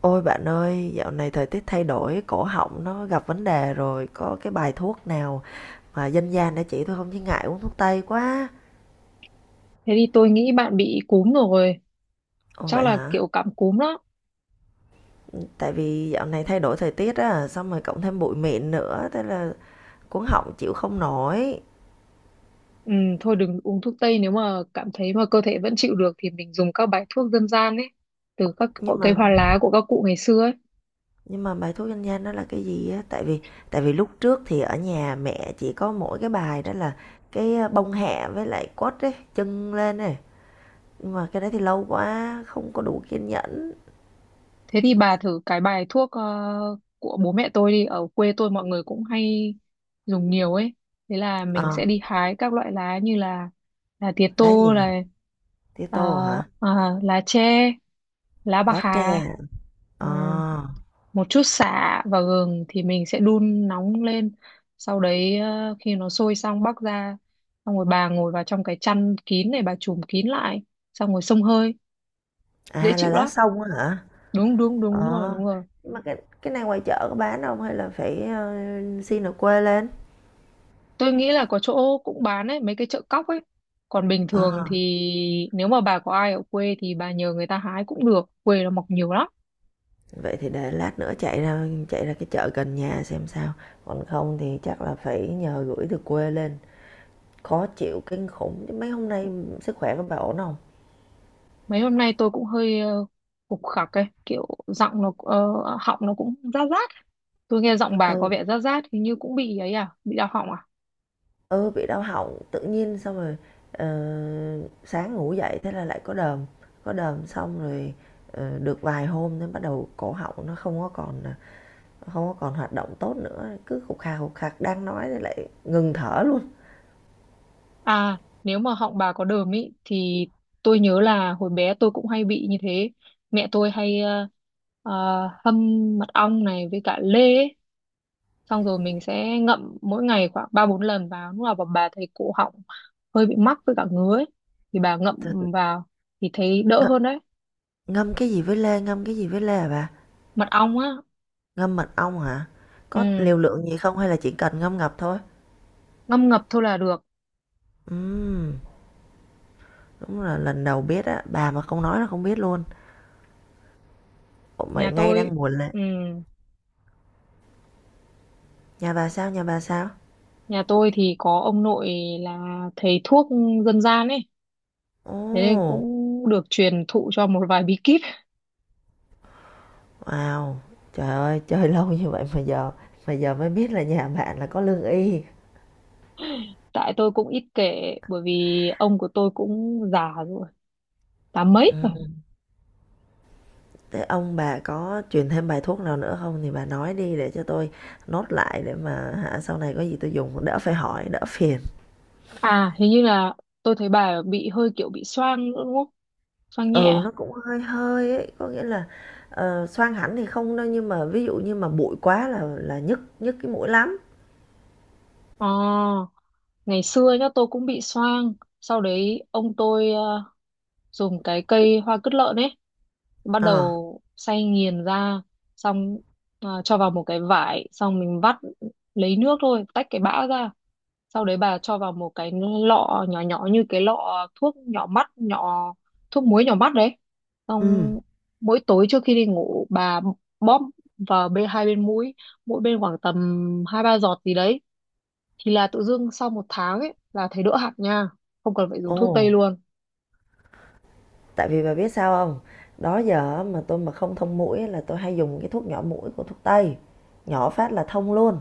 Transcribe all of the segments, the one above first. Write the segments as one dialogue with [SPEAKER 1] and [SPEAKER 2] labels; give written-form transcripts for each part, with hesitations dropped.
[SPEAKER 1] Ôi bạn ơi, dạo này thời tiết thay đổi, cổ họng nó gặp vấn đề rồi, có cái bài thuốc nào mà dân gian để chỉ tôi không chứ ngại uống thuốc tây quá.
[SPEAKER 2] Thế thì tôi nghĩ bạn bị cúm rồi,
[SPEAKER 1] Ồ
[SPEAKER 2] chắc
[SPEAKER 1] vậy
[SPEAKER 2] là kiểu
[SPEAKER 1] hả?
[SPEAKER 2] cảm cúm đó.
[SPEAKER 1] Tại vì dạo này thay đổi thời tiết á, xong rồi cộng thêm bụi mịn nữa, thế là cuống họng chịu không nổi.
[SPEAKER 2] Ừ, thôi đừng uống thuốc tây nếu mà cảm thấy mà cơ thể vẫn chịu được thì mình dùng các bài thuốc dân gian ấy, từ các cỏ
[SPEAKER 1] Nhưng
[SPEAKER 2] cây
[SPEAKER 1] mà
[SPEAKER 2] hoa lá của các cụ ngày xưa ấy.
[SPEAKER 1] nhưng mà bài thuốc dân gian đó là cái gì á? Tại vì lúc trước thì ở nhà mẹ chỉ có mỗi cái bài đó là cái bông hẹ với lại quất ấy, chân lên này. Nhưng mà cái đấy thì lâu quá, không có đủ kiên nhẫn.
[SPEAKER 2] Thế thì bà thử cái bài thuốc của bố mẹ tôi đi, ở quê tôi mọi người cũng hay dùng nhiều ấy. Thế là mình
[SPEAKER 1] Ờ,
[SPEAKER 2] sẽ đi hái các loại lá như là tía
[SPEAKER 1] lá
[SPEAKER 2] tô
[SPEAKER 1] gì nhỉ? Tía
[SPEAKER 2] ờ,
[SPEAKER 1] tô hả?
[SPEAKER 2] ờ, lá tre, lá bạc
[SPEAKER 1] Lá tre
[SPEAKER 2] hà,
[SPEAKER 1] hả?
[SPEAKER 2] ừ,
[SPEAKER 1] Ờ.
[SPEAKER 2] một chút sả và gừng thì mình sẽ đun nóng lên. Sau đấy khi nó sôi xong bắc ra, xong rồi bà ngồi vào trong cái chăn kín này bà trùm kín lại, xong rồi xông hơi, dễ
[SPEAKER 1] À là
[SPEAKER 2] chịu
[SPEAKER 1] lá
[SPEAKER 2] lắm.
[SPEAKER 1] sông á hả?
[SPEAKER 2] Đúng đúng đúng đúng rồi
[SPEAKER 1] Ờ.
[SPEAKER 2] đúng rồi.
[SPEAKER 1] Nhưng mà cái này ngoài chợ có bán không hay là phải xin ở quê lên?
[SPEAKER 2] Tôi nghĩ là có chỗ cũng bán ấy, mấy cái chợ cóc ấy. Còn bình thường
[SPEAKER 1] Ờ.
[SPEAKER 2] thì nếu mà bà có ai ở quê thì bà nhờ người ta hái cũng được. Quê nó mọc nhiều lắm.
[SPEAKER 1] Vậy thì để lát nữa chạy ra cái chợ gần nhà xem sao. Còn không thì chắc là phải nhờ gửi từ quê lên. Khó chịu kinh khủng chứ mấy hôm nay sức khỏe của bà ổn không?
[SPEAKER 2] Mấy hôm nay tôi cũng hơi khục khặc ấy, kiểu giọng nó họng nó cũng rát rát. Tôi nghe giọng bà có
[SPEAKER 1] Ừ.
[SPEAKER 2] vẻ rát rát hình như cũng bị ấy à, bị đau họng à?
[SPEAKER 1] Ừ, bị đau họng tự nhiên xong rồi, ờ, sáng ngủ dậy thế là lại có đờm xong rồi, được vài hôm thế bắt đầu cổ họng nó không có còn hoạt động tốt nữa, cứ khục khà, khục khạc đang nói thì lại ngừng thở luôn.
[SPEAKER 2] À, nếu mà họng bà có đờm ý thì tôi nhớ là hồi bé tôi cũng hay bị như thế. Mẹ tôi hay ờ, hâm mật ong này với cả lê ấy. Xong rồi mình sẽ ngậm mỗi ngày khoảng ba bốn lần vào lúc nào mà bà thấy cổ họng hơi bị mắc với cả ngứa ấy, thì bà ngậm
[SPEAKER 1] Th
[SPEAKER 2] vào thì thấy đỡ
[SPEAKER 1] th
[SPEAKER 2] hơn đấy.
[SPEAKER 1] Ngâm cái gì với lê, ngâm cái gì với lê hả bà?
[SPEAKER 2] Mật ong á.
[SPEAKER 1] Ngâm mật ong hả? Có
[SPEAKER 2] Ừ,
[SPEAKER 1] liều lượng gì không hay là chỉ cần ngâm ngập thôi?
[SPEAKER 2] ngâm ngập thôi là được.
[SPEAKER 1] Ừm, đúng là lần đầu biết á, bà mà không nói là không biết luôn. Ủa, mà
[SPEAKER 2] Nhà
[SPEAKER 1] ngay
[SPEAKER 2] tôi,
[SPEAKER 1] đang buồn lê
[SPEAKER 2] ừ,
[SPEAKER 1] nhà bà sao, nhà bà sao?
[SPEAKER 2] nhà tôi thì có ông nội là thầy thuốc dân gian ấy, thế nên cũng
[SPEAKER 1] Ồ!
[SPEAKER 2] được truyền thụ cho một vài bí kíp.
[SPEAKER 1] Wow! Trời ơi, chơi lâu như vậy mà giờ mới biết là nhà bạn là có lương y.
[SPEAKER 2] Tại tôi cũng ít kể bởi vì ông của tôi cũng già rồi, tám mấy rồi.
[SPEAKER 1] Ừm, thế ông bà có truyền thêm bài thuốc nào nữa không thì bà nói đi để cho tôi nốt lại để mà hả, sau này có gì tôi dùng đỡ phải hỏi, đỡ phiền.
[SPEAKER 2] À hình như là tôi thấy bà bị hơi kiểu bị xoang nữa đúng không, xoang nhẹ
[SPEAKER 1] Ừ, nó
[SPEAKER 2] à?
[SPEAKER 1] cũng hơi hơi ấy, có nghĩa là, xoang hẳn thì không đâu nhưng mà ví dụ như mà bụi quá là nhức nhức cái mũi lắm.
[SPEAKER 2] Ờ, ngày xưa nhá tôi cũng bị xoang. Sau đấy ông tôi dùng cái cây hoa cứt lợn ấy, bắt
[SPEAKER 1] Ờ,
[SPEAKER 2] đầu xay nghiền ra, xong cho vào một cái vải xong mình vắt lấy nước thôi tách cái bã ra, sau đấy bà cho vào một cái lọ nhỏ nhỏ như cái lọ thuốc nhỏ mắt nhỏ, thuốc muối nhỏ mắt đấy,
[SPEAKER 1] ừm.
[SPEAKER 2] xong mỗi tối trước khi đi ngủ bà bóp vào bên hai bên mũi, mỗi bên khoảng tầm hai ba giọt gì đấy, thì là tự dưng sau một tháng ấy là thấy đỡ hẳn nha, không cần phải dùng
[SPEAKER 1] Ồ!
[SPEAKER 2] thuốc tây luôn.
[SPEAKER 1] Tại vì bà biết sao không? Đó giờ mà tôi mà không thông mũi là tôi hay dùng cái thuốc nhỏ mũi của thuốc tây, nhỏ phát là thông luôn.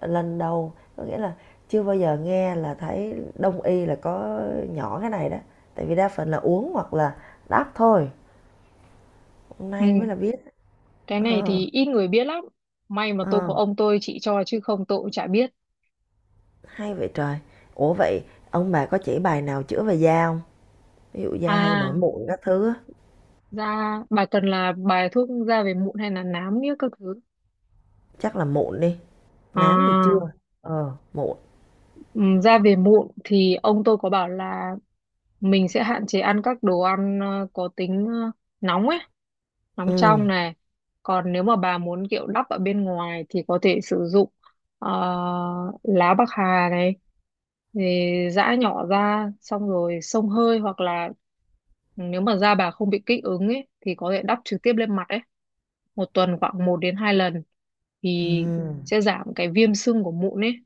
[SPEAKER 1] Lần đầu có nghĩa là chưa bao giờ nghe là thấy đông y là có nhỏ cái này đó. Tại vì đa phần là uống hoặc là đắp thôi, hôm nay mới
[SPEAKER 2] Ừ.
[SPEAKER 1] là biết.
[SPEAKER 2] Cái này
[SPEAKER 1] ờ,
[SPEAKER 2] thì ít người biết lắm, may mà tôi
[SPEAKER 1] ờ,
[SPEAKER 2] có ông tôi chỉ cho chứ không tôi cũng chả biết.
[SPEAKER 1] hay vậy trời. Ủa, vậy ông bà có chỉ bài nào chữa về da không? Ví dụ da hay nổi
[SPEAKER 2] À,
[SPEAKER 1] mụn các thứ á,
[SPEAKER 2] da bà cần là bài thuốc da về mụn hay là nám nghĩa các thứ?
[SPEAKER 1] chắc là mụn đi, nám thì chưa,
[SPEAKER 2] À.
[SPEAKER 1] mụn.
[SPEAKER 2] Ừ, ra về muộn thì ông tôi có bảo là mình sẽ hạn chế ăn các đồ ăn có tính nóng ấy, nóng
[SPEAKER 1] Ừm,
[SPEAKER 2] trong này. Còn nếu mà bà muốn kiểu đắp ở bên ngoài thì có thể sử dụng ờ, lá bạc hà này, thì giã nhỏ ra xong rồi xông hơi hoặc là nếu mà da bà không bị kích ứng ấy thì có thể đắp trực tiếp lên mặt ấy, một tuần khoảng một đến 2 lần thì
[SPEAKER 1] ừm.
[SPEAKER 2] sẽ giảm cái viêm sưng của mụn ấy.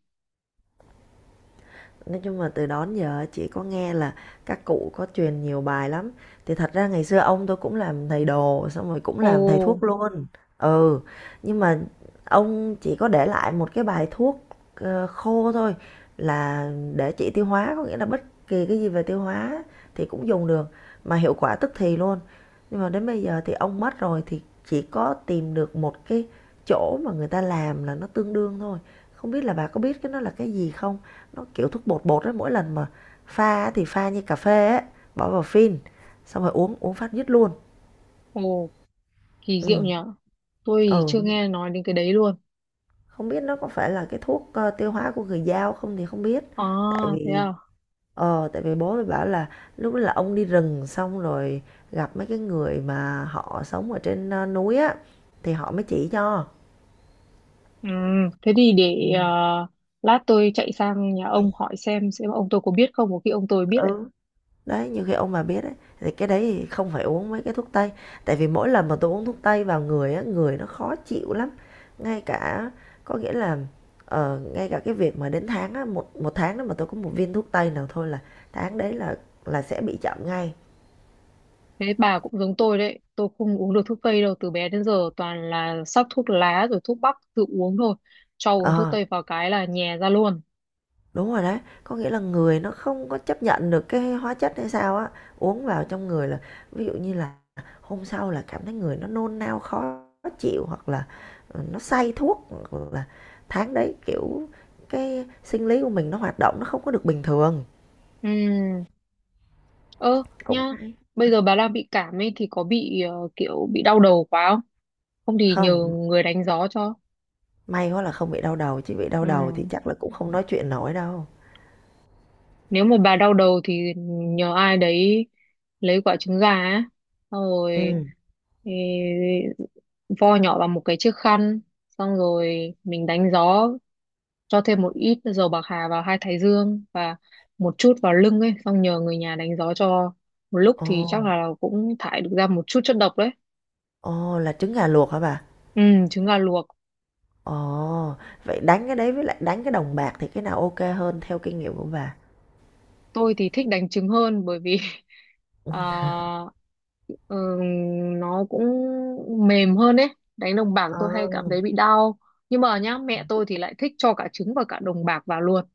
[SPEAKER 1] Nói chung là từ đó đến giờ chị có nghe là các cụ có truyền nhiều bài lắm. Thì thật ra ngày xưa ông tôi cũng làm thầy đồ, xong rồi cũng
[SPEAKER 2] Ồ,
[SPEAKER 1] làm thầy thuốc luôn. Ừ, nhưng mà ông chỉ có để lại một cái bài thuốc khô thôi là để trị tiêu hóa, có nghĩa là bất kỳ cái gì về tiêu hóa thì cũng dùng được mà hiệu quả tức thì luôn. Nhưng mà đến bây giờ thì ông mất rồi thì chỉ có tìm được một cái chỗ mà người ta làm là nó tương đương thôi. Không biết là bà có biết cái nó là cái gì không? Nó kiểu thuốc bột bột ấy, mỗi lần mà pha thì pha như cà phê ấy, bỏ vào phin, xong rồi uống uống phát dứt luôn.
[SPEAKER 2] ồ. Kỳ diệu
[SPEAKER 1] Ừ,
[SPEAKER 2] nhở. Tôi thì
[SPEAKER 1] ừ,
[SPEAKER 2] chưa nghe nói đến cái đấy luôn.
[SPEAKER 1] không biết nó có phải là cái thuốc, tiêu hóa của người Dao không thì không biết,
[SPEAKER 2] À,
[SPEAKER 1] tại
[SPEAKER 2] thế
[SPEAKER 1] vì
[SPEAKER 2] à?
[SPEAKER 1] tại vì bố mới bảo là lúc đó là ông đi rừng xong rồi gặp mấy cái người mà họ sống ở trên, núi á, thì họ mới chỉ cho.
[SPEAKER 2] Ừ, thế thì để lát tôi chạy sang nhà ông hỏi xem ông tôi có biết không, có khi ông tôi biết đấy.
[SPEAKER 1] Ừ. Đấy, như khi ông bà biết ấy, thì cái đấy thì không phải uống mấy cái thuốc tây. Tại vì mỗi lần mà tôi uống thuốc tây vào người á, người nó khó chịu lắm. Ngay cả có nghĩa là ngay cả cái việc mà đến tháng á, một một tháng đó mà tôi có một viên thuốc tây nào thôi là tháng đấy là sẽ bị chậm ngay.
[SPEAKER 2] Thế bà cũng giống tôi đấy, tôi không uống được thuốc tây đâu, từ bé đến giờ toàn là sắc thuốc lá rồi thuốc bắc tự uống thôi. Cho uống thuốc
[SPEAKER 1] Ờ.
[SPEAKER 2] tây vào cái là nhè ra luôn.
[SPEAKER 1] Đúng rồi đấy, có nghĩa là người nó không có chấp nhận được cái hóa chất hay sao á, uống vào trong người là ví dụ như là hôm sau là cảm thấy người nó nôn nao khó chịu hoặc là nó say thuốc hoặc là tháng đấy kiểu cái sinh lý của mình nó hoạt động nó không có được bình thường.
[SPEAKER 2] Ừ, ơ
[SPEAKER 1] Cũng
[SPEAKER 2] nhá,
[SPEAKER 1] hay.
[SPEAKER 2] bây giờ bà đang bị cảm ấy thì có bị kiểu bị đau đầu quá không? Không thì nhờ
[SPEAKER 1] Không,
[SPEAKER 2] người đánh gió cho.
[SPEAKER 1] may quá là không bị đau đầu chứ bị đau
[SPEAKER 2] Ừ.
[SPEAKER 1] đầu thì chắc là cũng không nói chuyện nổi đâu.
[SPEAKER 2] Nếu mà bà đau đầu thì nhờ ai đấy lấy quả trứng gà á, xong rồi
[SPEAKER 1] Ừ.
[SPEAKER 2] ê, vo nhỏ vào một cái chiếc khăn, xong rồi mình đánh gió, cho thêm một ít dầu bạc hà vào hai thái dương và một chút vào lưng ấy, xong nhờ người nhà đánh gió cho một lúc
[SPEAKER 1] Ồ,
[SPEAKER 2] thì chắc là cũng thải được ra một chút chất độc đấy.
[SPEAKER 1] ồ là trứng gà luộc hả bà?
[SPEAKER 2] Ừ, trứng gà luộc.
[SPEAKER 1] Ồ, vậy đánh cái đấy với lại đánh cái đồng bạc thì cái nào ok hơn theo kinh nghiệm của bà?
[SPEAKER 2] Tôi thì thích đánh trứng hơn bởi vì
[SPEAKER 1] Ừ.
[SPEAKER 2] à, ờ, nó cũng mềm hơn ấy, đánh đồng bạc
[SPEAKER 1] À.
[SPEAKER 2] tôi hay cảm thấy bị đau. Nhưng mà nhá
[SPEAKER 1] Ừ.
[SPEAKER 2] mẹ tôi thì lại thích cho cả trứng và cả đồng bạc vào luôn,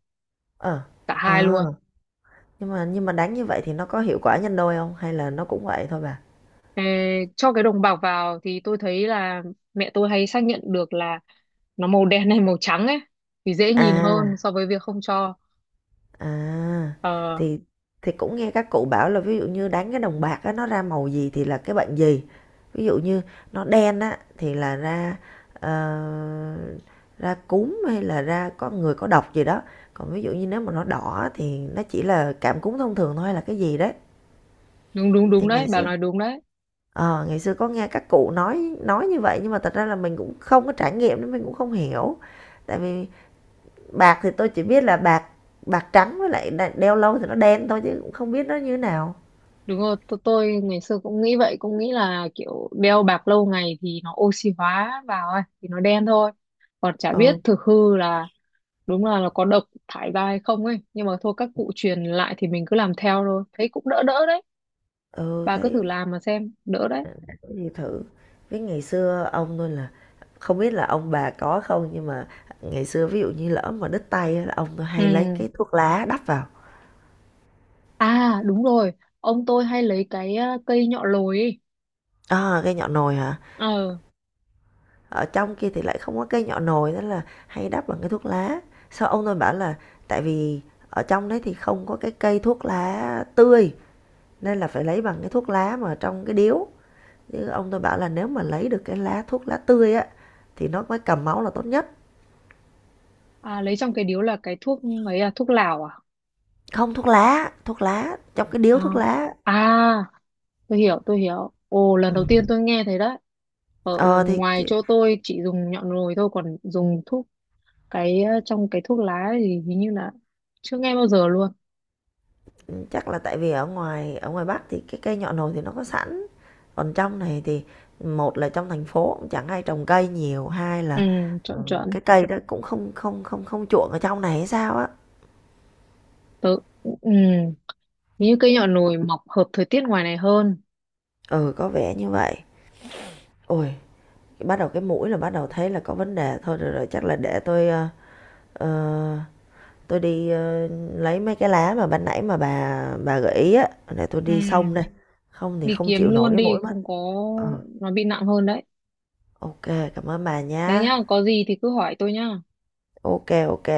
[SPEAKER 1] Ờ,
[SPEAKER 2] cả hai
[SPEAKER 1] ờ.
[SPEAKER 2] luôn.
[SPEAKER 1] Nhưng mà đánh như vậy thì nó có hiệu quả nhân đôi không hay là nó cũng vậy thôi bà?
[SPEAKER 2] Ê, cho cái đồng bạc vào thì tôi thấy là mẹ tôi hay xác nhận được là nó màu đen hay màu trắng ấy thì dễ nhìn hơn
[SPEAKER 1] À,
[SPEAKER 2] so với việc không cho.
[SPEAKER 1] à
[SPEAKER 2] Ờ
[SPEAKER 1] thì thì cũng nghe các cụ bảo là ví dụ như đánh cái đồng bạc á nó ra màu gì thì là cái bệnh gì. Ví dụ như nó đen á thì là ờ, ra cúm hay là ra có người có độc gì đó. Còn ví dụ như nếu mà nó đỏ á, thì nó chỉ là cảm cúm thông thường thôi hay là cái gì đấy.
[SPEAKER 2] đúng đúng đúng
[SPEAKER 1] Thì ngày
[SPEAKER 2] đấy bà
[SPEAKER 1] xưa
[SPEAKER 2] nói đúng đấy.
[SPEAKER 1] Ờ, ngày xưa có nghe các cụ nói như vậy nhưng mà thật ra là mình cũng không có trải nghiệm nên mình cũng không hiểu. Tại vì bạc thì tôi chỉ biết là bạc bạc trắng với lại đeo lâu thì nó đen thôi chứ cũng không biết nó như thế nào.
[SPEAKER 2] Đúng rồi, tôi ngày xưa cũng nghĩ vậy, cũng nghĩ là kiểu đeo bạc lâu ngày thì nó oxy hóa vào ấy thì nó đen thôi, còn chả biết
[SPEAKER 1] Ừ,
[SPEAKER 2] thực hư là đúng là nó có độc thải ra hay không ấy, nhưng mà thôi các cụ truyền lại thì mình cứ làm theo thôi thấy cũng đỡ đỡ đấy.
[SPEAKER 1] ừ,
[SPEAKER 2] Bà cứ
[SPEAKER 1] thấy
[SPEAKER 2] thử làm mà xem đỡ đấy.
[SPEAKER 1] đã có gì thử. Với ngày xưa ông tôi là không biết là ông bà có không nhưng mà ngày xưa ví dụ như lỡ mà đứt tay á là ông tôi hay lấy
[SPEAKER 2] Ừ.
[SPEAKER 1] cái thuốc lá đắp vào.
[SPEAKER 2] À đúng rồi, ông tôi hay lấy cái cây nhọ lồi ấy.
[SPEAKER 1] À, cái nhọn nồi hả?
[SPEAKER 2] Ờ.
[SPEAKER 1] Ở trong kia thì lại không có cây nhỏ nồi nên là hay đắp bằng cái thuốc lá. Sau ông tôi bảo là tại vì ở trong đấy thì không có cái cây thuốc lá tươi nên là phải lấy bằng cái thuốc lá mà trong cái điếu, chứ ông tôi bảo là nếu mà lấy được cái lá thuốc lá tươi á thì nó mới cầm máu là tốt nhất.
[SPEAKER 2] À, lấy trong cái điếu là cái thuốc ấy à, thuốc lào à?
[SPEAKER 1] Không, thuốc lá, thuốc lá trong cái điếu
[SPEAKER 2] À,
[SPEAKER 1] thuốc lá.
[SPEAKER 2] à, tôi hiểu tôi hiểu, ồ lần
[SPEAKER 1] Ừ.
[SPEAKER 2] đầu tiên tôi nghe thấy đấy. Ở ở
[SPEAKER 1] ờ thì,
[SPEAKER 2] ngoài
[SPEAKER 1] thì
[SPEAKER 2] chỗ tôi chỉ dùng nhọ rồi thôi, còn dùng thuốc cái trong cái thuốc lá thì hình như là chưa nghe bao giờ luôn.
[SPEAKER 1] chắc là tại vì ở ngoài Bắc thì cái cây nhọ nồi thì nó có sẵn. Còn trong này thì một là trong thành phố cũng chẳng ai trồng cây nhiều, hai
[SPEAKER 2] Ừ,
[SPEAKER 1] là,
[SPEAKER 2] chuẩn chuẩn.
[SPEAKER 1] cái cây đó cũng không không không không chuộng ở trong này hay sao á.
[SPEAKER 2] Tớ, ừ, như cây nhỏ nổi mọc hợp thời tiết ngoài này hơn.
[SPEAKER 1] Ừ, có vẻ như vậy. Ôi, bắt đầu cái mũi là bắt đầu thấy là có vấn đề thôi, rồi rồi chắc là để ờ, tôi đi, lấy mấy cái lá mà ban nãy mà bà gợi ý á, để tôi
[SPEAKER 2] Ừ.
[SPEAKER 1] đi xông đây, không thì
[SPEAKER 2] Đi
[SPEAKER 1] không
[SPEAKER 2] kiếm
[SPEAKER 1] chịu nổi
[SPEAKER 2] luôn
[SPEAKER 1] cái
[SPEAKER 2] đi,
[SPEAKER 1] mũi mất.
[SPEAKER 2] không có
[SPEAKER 1] Ờ,
[SPEAKER 2] nó bị nặng hơn đấy.
[SPEAKER 1] ô cảm ơn bà
[SPEAKER 2] Thế
[SPEAKER 1] nhá.
[SPEAKER 2] nhá, có gì thì cứ hỏi tôi nhá.
[SPEAKER 1] Ok ok